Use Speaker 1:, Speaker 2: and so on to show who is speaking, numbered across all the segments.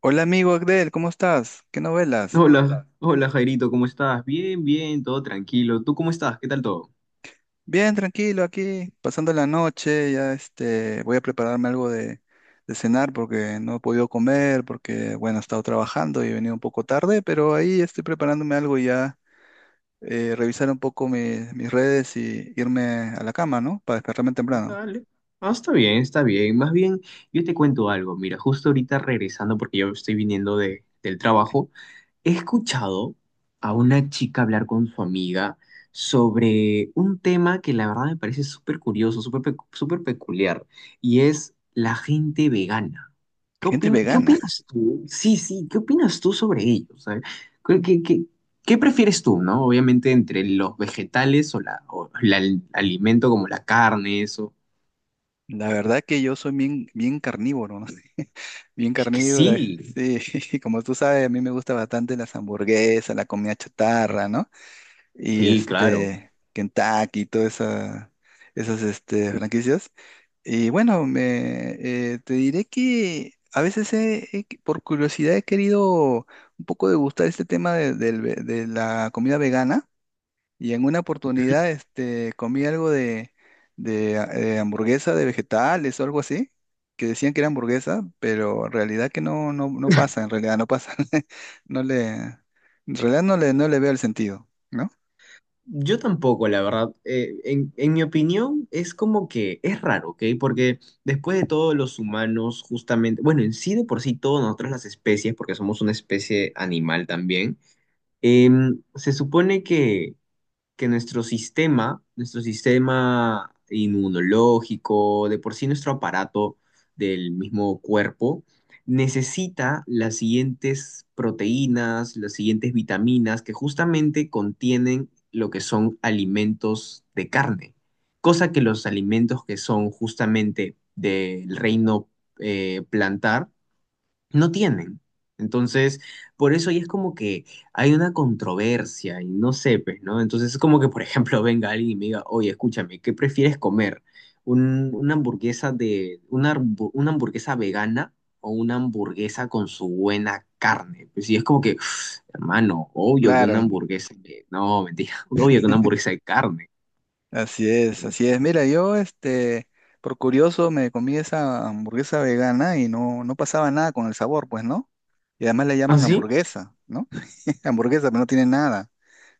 Speaker 1: Hola amigo Agdel, ¿cómo estás? ¿Qué novelas?
Speaker 2: Hola, hola Jairito, ¿cómo estás? Bien, bien, todo tranquilo. ¿Tú cómo estás? ¿Qué tal todo?
Speaker 1: Bien, tranquilo, aquí pasando la noche, ya voy a prepararme algo de cenar porque no he podido comer, porque bueno, he estado trabajando y he venido un poco tarde, pero ahí estoy preparándome algo y ya, revisar un poco mis redes y irme a la cama, ¿no? Para despertarme temprano.
Speaker 2: Dale. Ah, está bien, está bien. Más bien, yo te cuento algo. Mira, justo ahorita regresando, porque yo estoy viniendo del trabajo, he escuchado a una chica hablar con su amiga sobre un tema que la verdad me parece súper curioso, súper peculiar, y es la gente vegana.
Speaker 1: Gente
Speaker 2: ¿Qué
Speaker 1: vegana.
Speaker 2: opinas tú? Sí, sí, ¿qué opinas tú sobre ello? O sea, ¿Qué, qué- qué- ¿qué prefieres tú, no? Obviamente entre los vegetales o el alimento como la carne, eso.
Speaker 1: La verdad que yo soy bien, bien carnívoro, ¿no? Bien
Speaker 2: Es que
Speaker 1: carnívoro.
Speaker 2: sí,
Speaker 1: Sí, como tú sabes, a mí me gusta bastante las hamburguesas, la comida chatarra, ¿no? Y
Speaker 2: sí, claro.
Speaker 1: este Kentucky y todas esas franquicias. Y bueno, te diré que a veces por curiosidad he querido un poco degustar este tema de la comida vegana y en una oportunidad comí algo de hamburguesa de vegetales o algo así. Que decían que era hamburguesa, pero en realidad que no, no, no pasa, en realidad no pasa. En realidad no le veo el sentido, ¿no?
Speaker 2: Yo tampoco, la verdad. En mi opinión, es como que es raro, ¿ok? Porque después de todo, los humanos, justamente, bueno, en sí de por sí, todos nosotros las especies, porque somos una especie animal también, se supone que nuestro sistema inmunológico, de por sí nuestro aparato del mismo cuerpo, necesita las siguientes proteínas, las siguientes vitaminas que justamente contienen lo que son alimentos de carne, cosa que los alimentos que son justamente del reino plantar no tienen. Entonces, por eso ahí es como que hay una controversia y no sé, pues, ¿no? Entonces es como que, por ejemplo, venga alguien y me diga, oye, escúchame, ¿qué prefieres comer? Una hamburguesa vegana o una hamburguesa con su buena carne. Pues, sí es como que, hermano, obvio que una
Speaker 1: Claro.
Speaker 2: hamburguesa de, no, mentira, obvio que una hamburguesa de carne,
Speaker 1: Así es,
Speaker 2: ¿no?
Speaker 1: así es. Mira, yo, por curioso, me comí esa hamburguesa vegana y no, no pasaba nada con el sabor, pues, ¿no? Y además le
Speaker 2: ¿Ah,
Speaker 1: llaman
Speaker 2: sí?
Speaker 1: hamburguesa, ¿no? Hamburguesa, pero no tiene nada,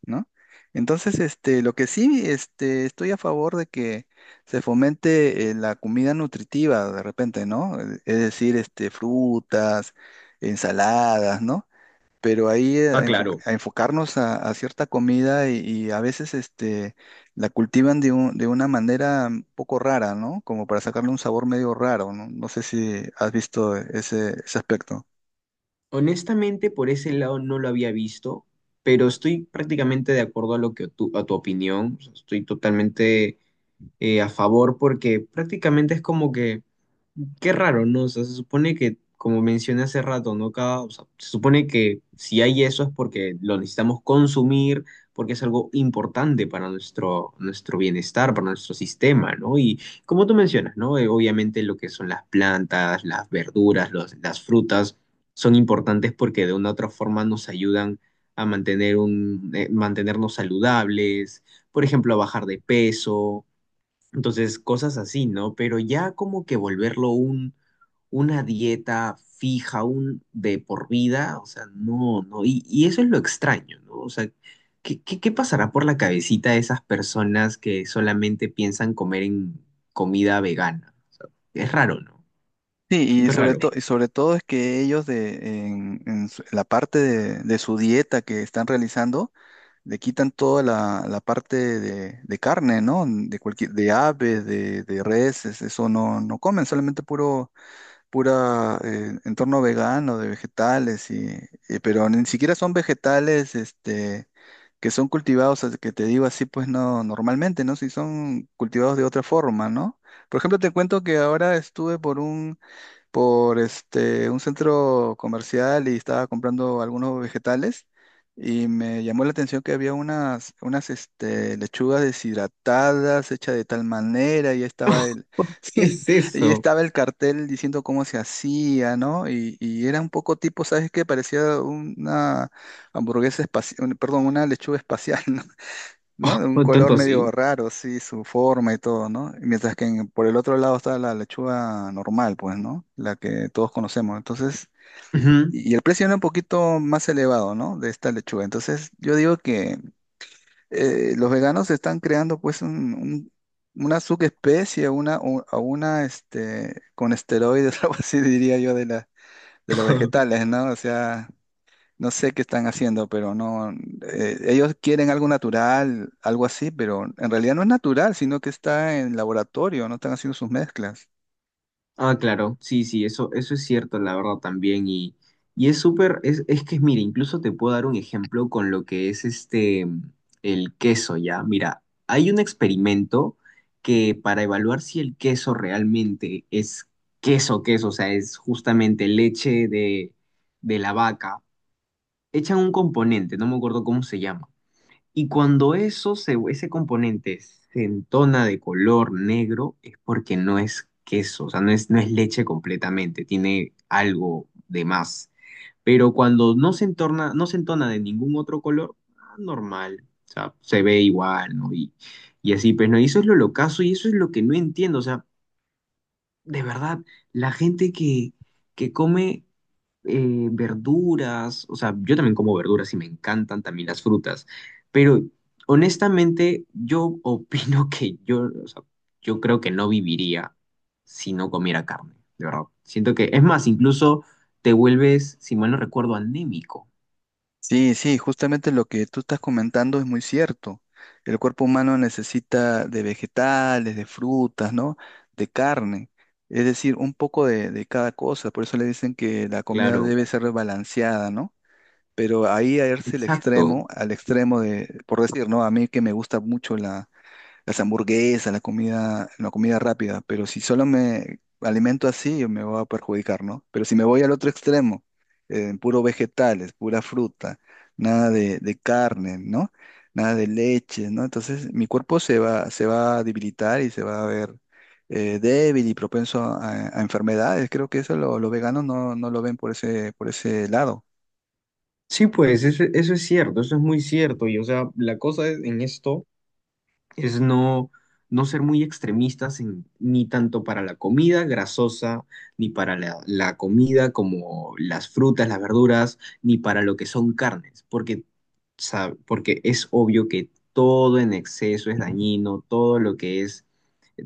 Speaker 1: ¿no? Entonces, lo que sí, estoy a favor de que se fomente la comida nutritiva de repente, ¿no? Es decir, frutas, ensaladas, ¿no? Pero ahí
Speaker 2: Ah, claro.
Speaker 1: a enfocarnos a cierta comida y a veces la cultivan de una manera un poco rara, ¿no? Como para sacarle un sabor medio raro, ¿no? No sé si has visto ese aspecto.
Speaker 2: Honestamente, por ese lado no lo había visto, pero estoy prácticamente de acuerdo a lo que tu, a tu opinión. O sea, estoy totalmente a favor porque prácticamente es como que qué raro, ¿no? O sea, se supone que, como mencioné hace rato, ¿no? Cada, o sea, se supone que si hay eso es porque lo necesitamos consumir, porque es algo importante para nuestro, nuestro bienestar, para nuestro sistema, ¿no? Y como tú mencionas, ¿no? Obviamente lo que son las plantas, las verduras, las frutas son importantes porque de una u otra forma nos ayudan a mantener un, mantenernos saludables, por ejemplo, a bajar de peso, entonces, cosas así, ¿no? Pero ya como que volverlo un, una dieta fija, un de por vida, o sea, no, no, y eso es lo extraño, ¿no? O sea, ¿qué pasará por la cabecita de esas personas que solamente piensan comer en comida vegana? O sea, es raro, ¿no?
Speaker 1: Sí,
Speaker 2: Súper raro.
Speaker 1: y sobre todo es que ellos de, en su- la parte de su dieta que están realizando, le quitan toda la parte de carne, ¿no? De cualquier, de ave, de res, eso no, no comen, solamente puro pura entorno vegano de vegetales pero ni siquiera son vegetales que son cultivados, que te digo así, pues no, normalmente, ¿no? Si son cultivados de otra forma, ¿no? Por ejemplo, te cuento que ahora estuve por un centro comercial y estaba comprando algunos vegetales y me llamó la atención que había unas lechugas deshidratadas hechas de tal manera y estaba
Speaker 2: ¿Qué
Speaker 1: sí,
Speaker 2: es
Speaker 1: y
Speaker 2: eso?
Speaker 1: estaba el cartel diciendo cómo se hacía, ¿no? Y era un poco tipo, ¿sabes qué? Parecía una hamburguesa espacial, perdón, una lechuga espacial, ¿no? De un
Speaker 2: ¿Tanto
Speaker 1: color medio
Speaker 2: así?
Speaker 1: raro, sí, su forma y todo, ¿no? Y mientras que por el otro lado está la lechuga normal, pues, ¿no? La que todos conocemos. Entonces,
Speaker 2: Ujú.
Speaker 1: y el precio era un poquito más elevado, ¿no? De esta lechuga. Entonces, yo digo que los veganos están creando, pues, una subespecie, una, u- a una, este, con esteroides, algo así diría yo, de los vegetales, ¿no? O sea, no sé qué están haciendo, pero no. Ellos quieren algo natural, algo así, pero en realidad no es natural, sino que está en laboratorio, no están haciendo sus mezclas.
Speaker 2: Ah, claro, sí, sí, eso es cierto, la verdad también. Y, es que, mira, incluso te puedo dar un ejemplo con lo que es este, el queso, ¿ya? Mira, hay un experimento que para evaluar si el queso realmente es queso, queso, o sea, es justamente leche de la vaca, echan un componente, no me acuerdo cómo se llama. Y cuando ese componente se entona de color negro, es porque no es queso, o sea, no es, no es leche completamente, tiene algo de más. Pero cuando no se entorna, no se entona de ningún otro color, ah, normal, o sea, se ve igual, ¿no? Y así, pues, ¿no? Y eso es lo locazo y eso es lo que no entiendo, o sea, de verdad, la gente que come verduras, o sea, yo también como verduras y me encantan también las frutas, pero honestamente yo opino que yo, o sea, yo creo que no viviría si no comiera carne, de verdad. Siento que, es más, incluso te vuelves, si mal no recuerdo, anémico.
Speaker 1: Sí, sí, justamente lo que tú estás comentando es muy cierto. El cuerpo humano necesita de vegetales, de frutas, ¿no? De carne, es decir, un poco de cada cosa. Por eso le dicen que la comida
Speaker 2: Claro,
Speaker 1: debe ser balanceada, ¿no? Pero ahí a irse
Speaker 2: exacto.
Speaker 1: al extremo de, por decir, ¿no? A mí que me gusta mucho las hamburguesas, la comida rápida, pero si solo me alimento así, yo me voy a perjudicar, ¿no? Pero si me voy al otro extremo, puro vegetales, pura fruta, nada de carne, ¿no? Nada de leche, ¿no? Entonces mi cuerpo se va a debilitar y se va a ver débil y propenso a enfermedades. Creo que eso los veganos no, no lo ven por ese lado.
Speaker 2: Sí, pues eso es cierto, eso es muy cierto. Y o sea, la cosa es en esto es no, no ser muy extremistas en ni tanto para la comida grasosa, ni para la comida como las frutas, las verduras, ni para lo que son carnes, porque, porque es obvio que todo en exceso es dañino, todo lo que es,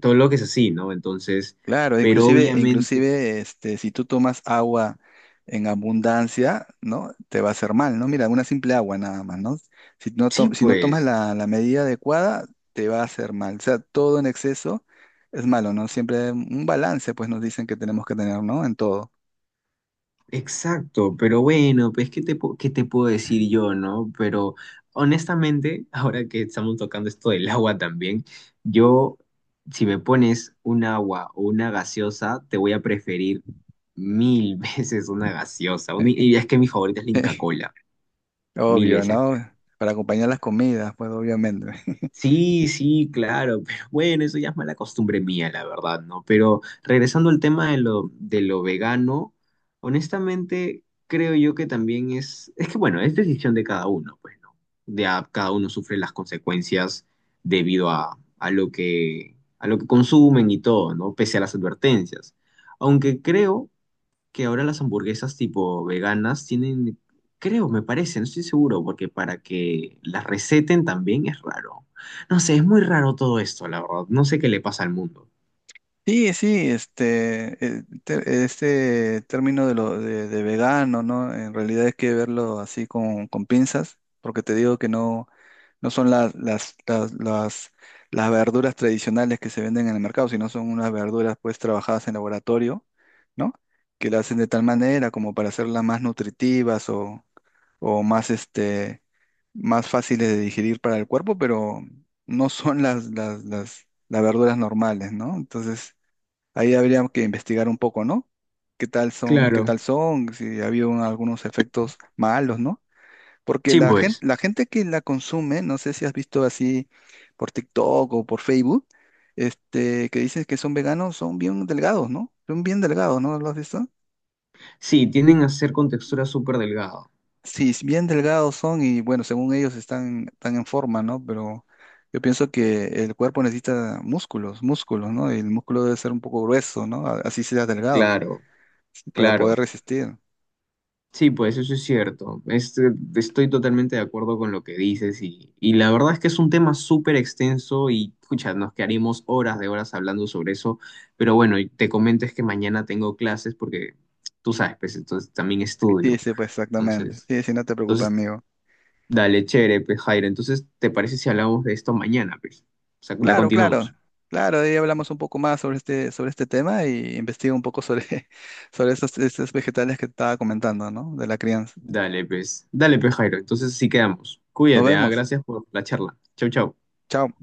Speaker 2: todo lo que es así, ¿no? Entonces,
Speaker 1: Claro,
Speaker 2: pero
Speaker 1: inclusive,
Speaker 2: obviamente,
Speaker 1: inclusive, si tú tomas agua en abundancia, ¿no? Te va a hacer mal, ¿no? Mira, una simple agua nada más, ¿no? Si no, to-
Speaker 2: sí,
Speaker 1: si no tomas
Speaker 2: pues.
Speaker 1: la medida adecuada, te va a hacer mal. O sea, todo en exceso es malo, ¿no? Siempre un balance, pues nos dicen que tenemos que tener, ¿no? En todo.
Speaker 2: Exacto, pero bueno, pues ¿qué te puedo decir yo, no? Pero honestamente, ahora que estamos tocando esto del agua también, yo, si me pones un agua o una gaseosa, te voy a preferir mil veces una gaseosa. Una y es que mi favorita es la Inca Kola, mil
Speaker 1: Obvio,
Speaker 2: veces.
Speaker 1: ¿no? Para acompañar las comidas, pues obviamente.
Speaker 2: Sí, sí, claro, pero bueno, eso ya es mala costumbre mía, la verdad, ¿no? Pero regresando al tema de lo vegano, honestamente creo yo que también es que bueno, es decisión de cada uno, pues, ¿no? Cada uno sufre las consecuencias debido a lo que consumen y todo, ¿no? Pese a las advertencias. Aunque creo que ahora las hamburguesas tipo veganas tienen, creo, me parece, no estoy seguro, porque para que las receten también es raro. No sé, es muy raro todo esto, la verdad. No sé qué le pasa al mundo.
Speaker 1: Sí, sí, este término de vegano, ¿no? En realidad hay que verlo así con pinzas, porque te digo que no, no son las verduras tradicionales que se venden en el mercado, sino son unas verduras pues trabajadas en laboratorio, ¿no? Que las hacen de tal manera como para hacerlas más nutritivas o más más fáciles de digerir para el cuerpo, pero no son las verduras normales, ¿no? Entonces, ahí habría que investigar un poco, ¿no? ¿Qué tal son, qué
Speaker 2: Claro,
Speaker 1: tal son? Si ha habido algunos efectos malos, ¿no? Porque
Speaker 2: sí, pues.
Speaker 1: la gente que la consume, no sé si has visto así por TikTok o por Facebook, que dicen que son veganos, son bien delgados, ¿no? Son bien delgados, ¿no? ¿Lo has visto?
Speaker 2: Sí, tienden a ser con textura súper delgada.
Speaker 1: Sí, es bien delgados son y bueno, según ellos están en forma, ¿no? Pero yo pienso que el cuerpo necesita músculos, músculos, ¿no? Y el músculo debe ser un poco grueso, ¿no? Así sea delgado,
Speaker 2: Claro,
Speaker 1: para poder
Speaker 2: claro.
Speaker 1: resistir.
Speaker 2: Sí, pues eso es cierto. Este, estoy totalmente de acuerdo con lo que dices y la verdad es que es un tema súper extenso y pucha, nos quedaríamos horas de horas hablando sobre eso, pero bueno, y te comento es que mañana tengo clases porque tú sabes, pues entonces también
Speaker 1: Sí,
Speaker 2: estudio.
Speaker 1: sí, pues exactamente.
Speaker 2: Entonces,
Speaker 1: Sí, sí, no te preocupes,
Speaker 2: entonces,
Speaker 1: amigo.
Speaker 2: dale, chévere, pues Jairo, entonces ¿te parece si hablamos de esto mañana, pues? O sea, la
Speaker 1: Claro, claro,
Speaker 2: continuamos.
Speaker 1: claro, ahí hablamos un poco más sobre este tema y investigo un poco sobre, sobre estos vegetales que te estaba comentando, ¿no? De la crianza.
Speaker 2: Dale, pues. Dale, pues Jairo, entonces sí quedamos.
Speaker 1: Nos
Speaker 2: Cuídate, ¿ah?
Speaker 1: vemos.
Speaker 2: Gracias por la charla. Chau, chau.
Speaker 1: Chao.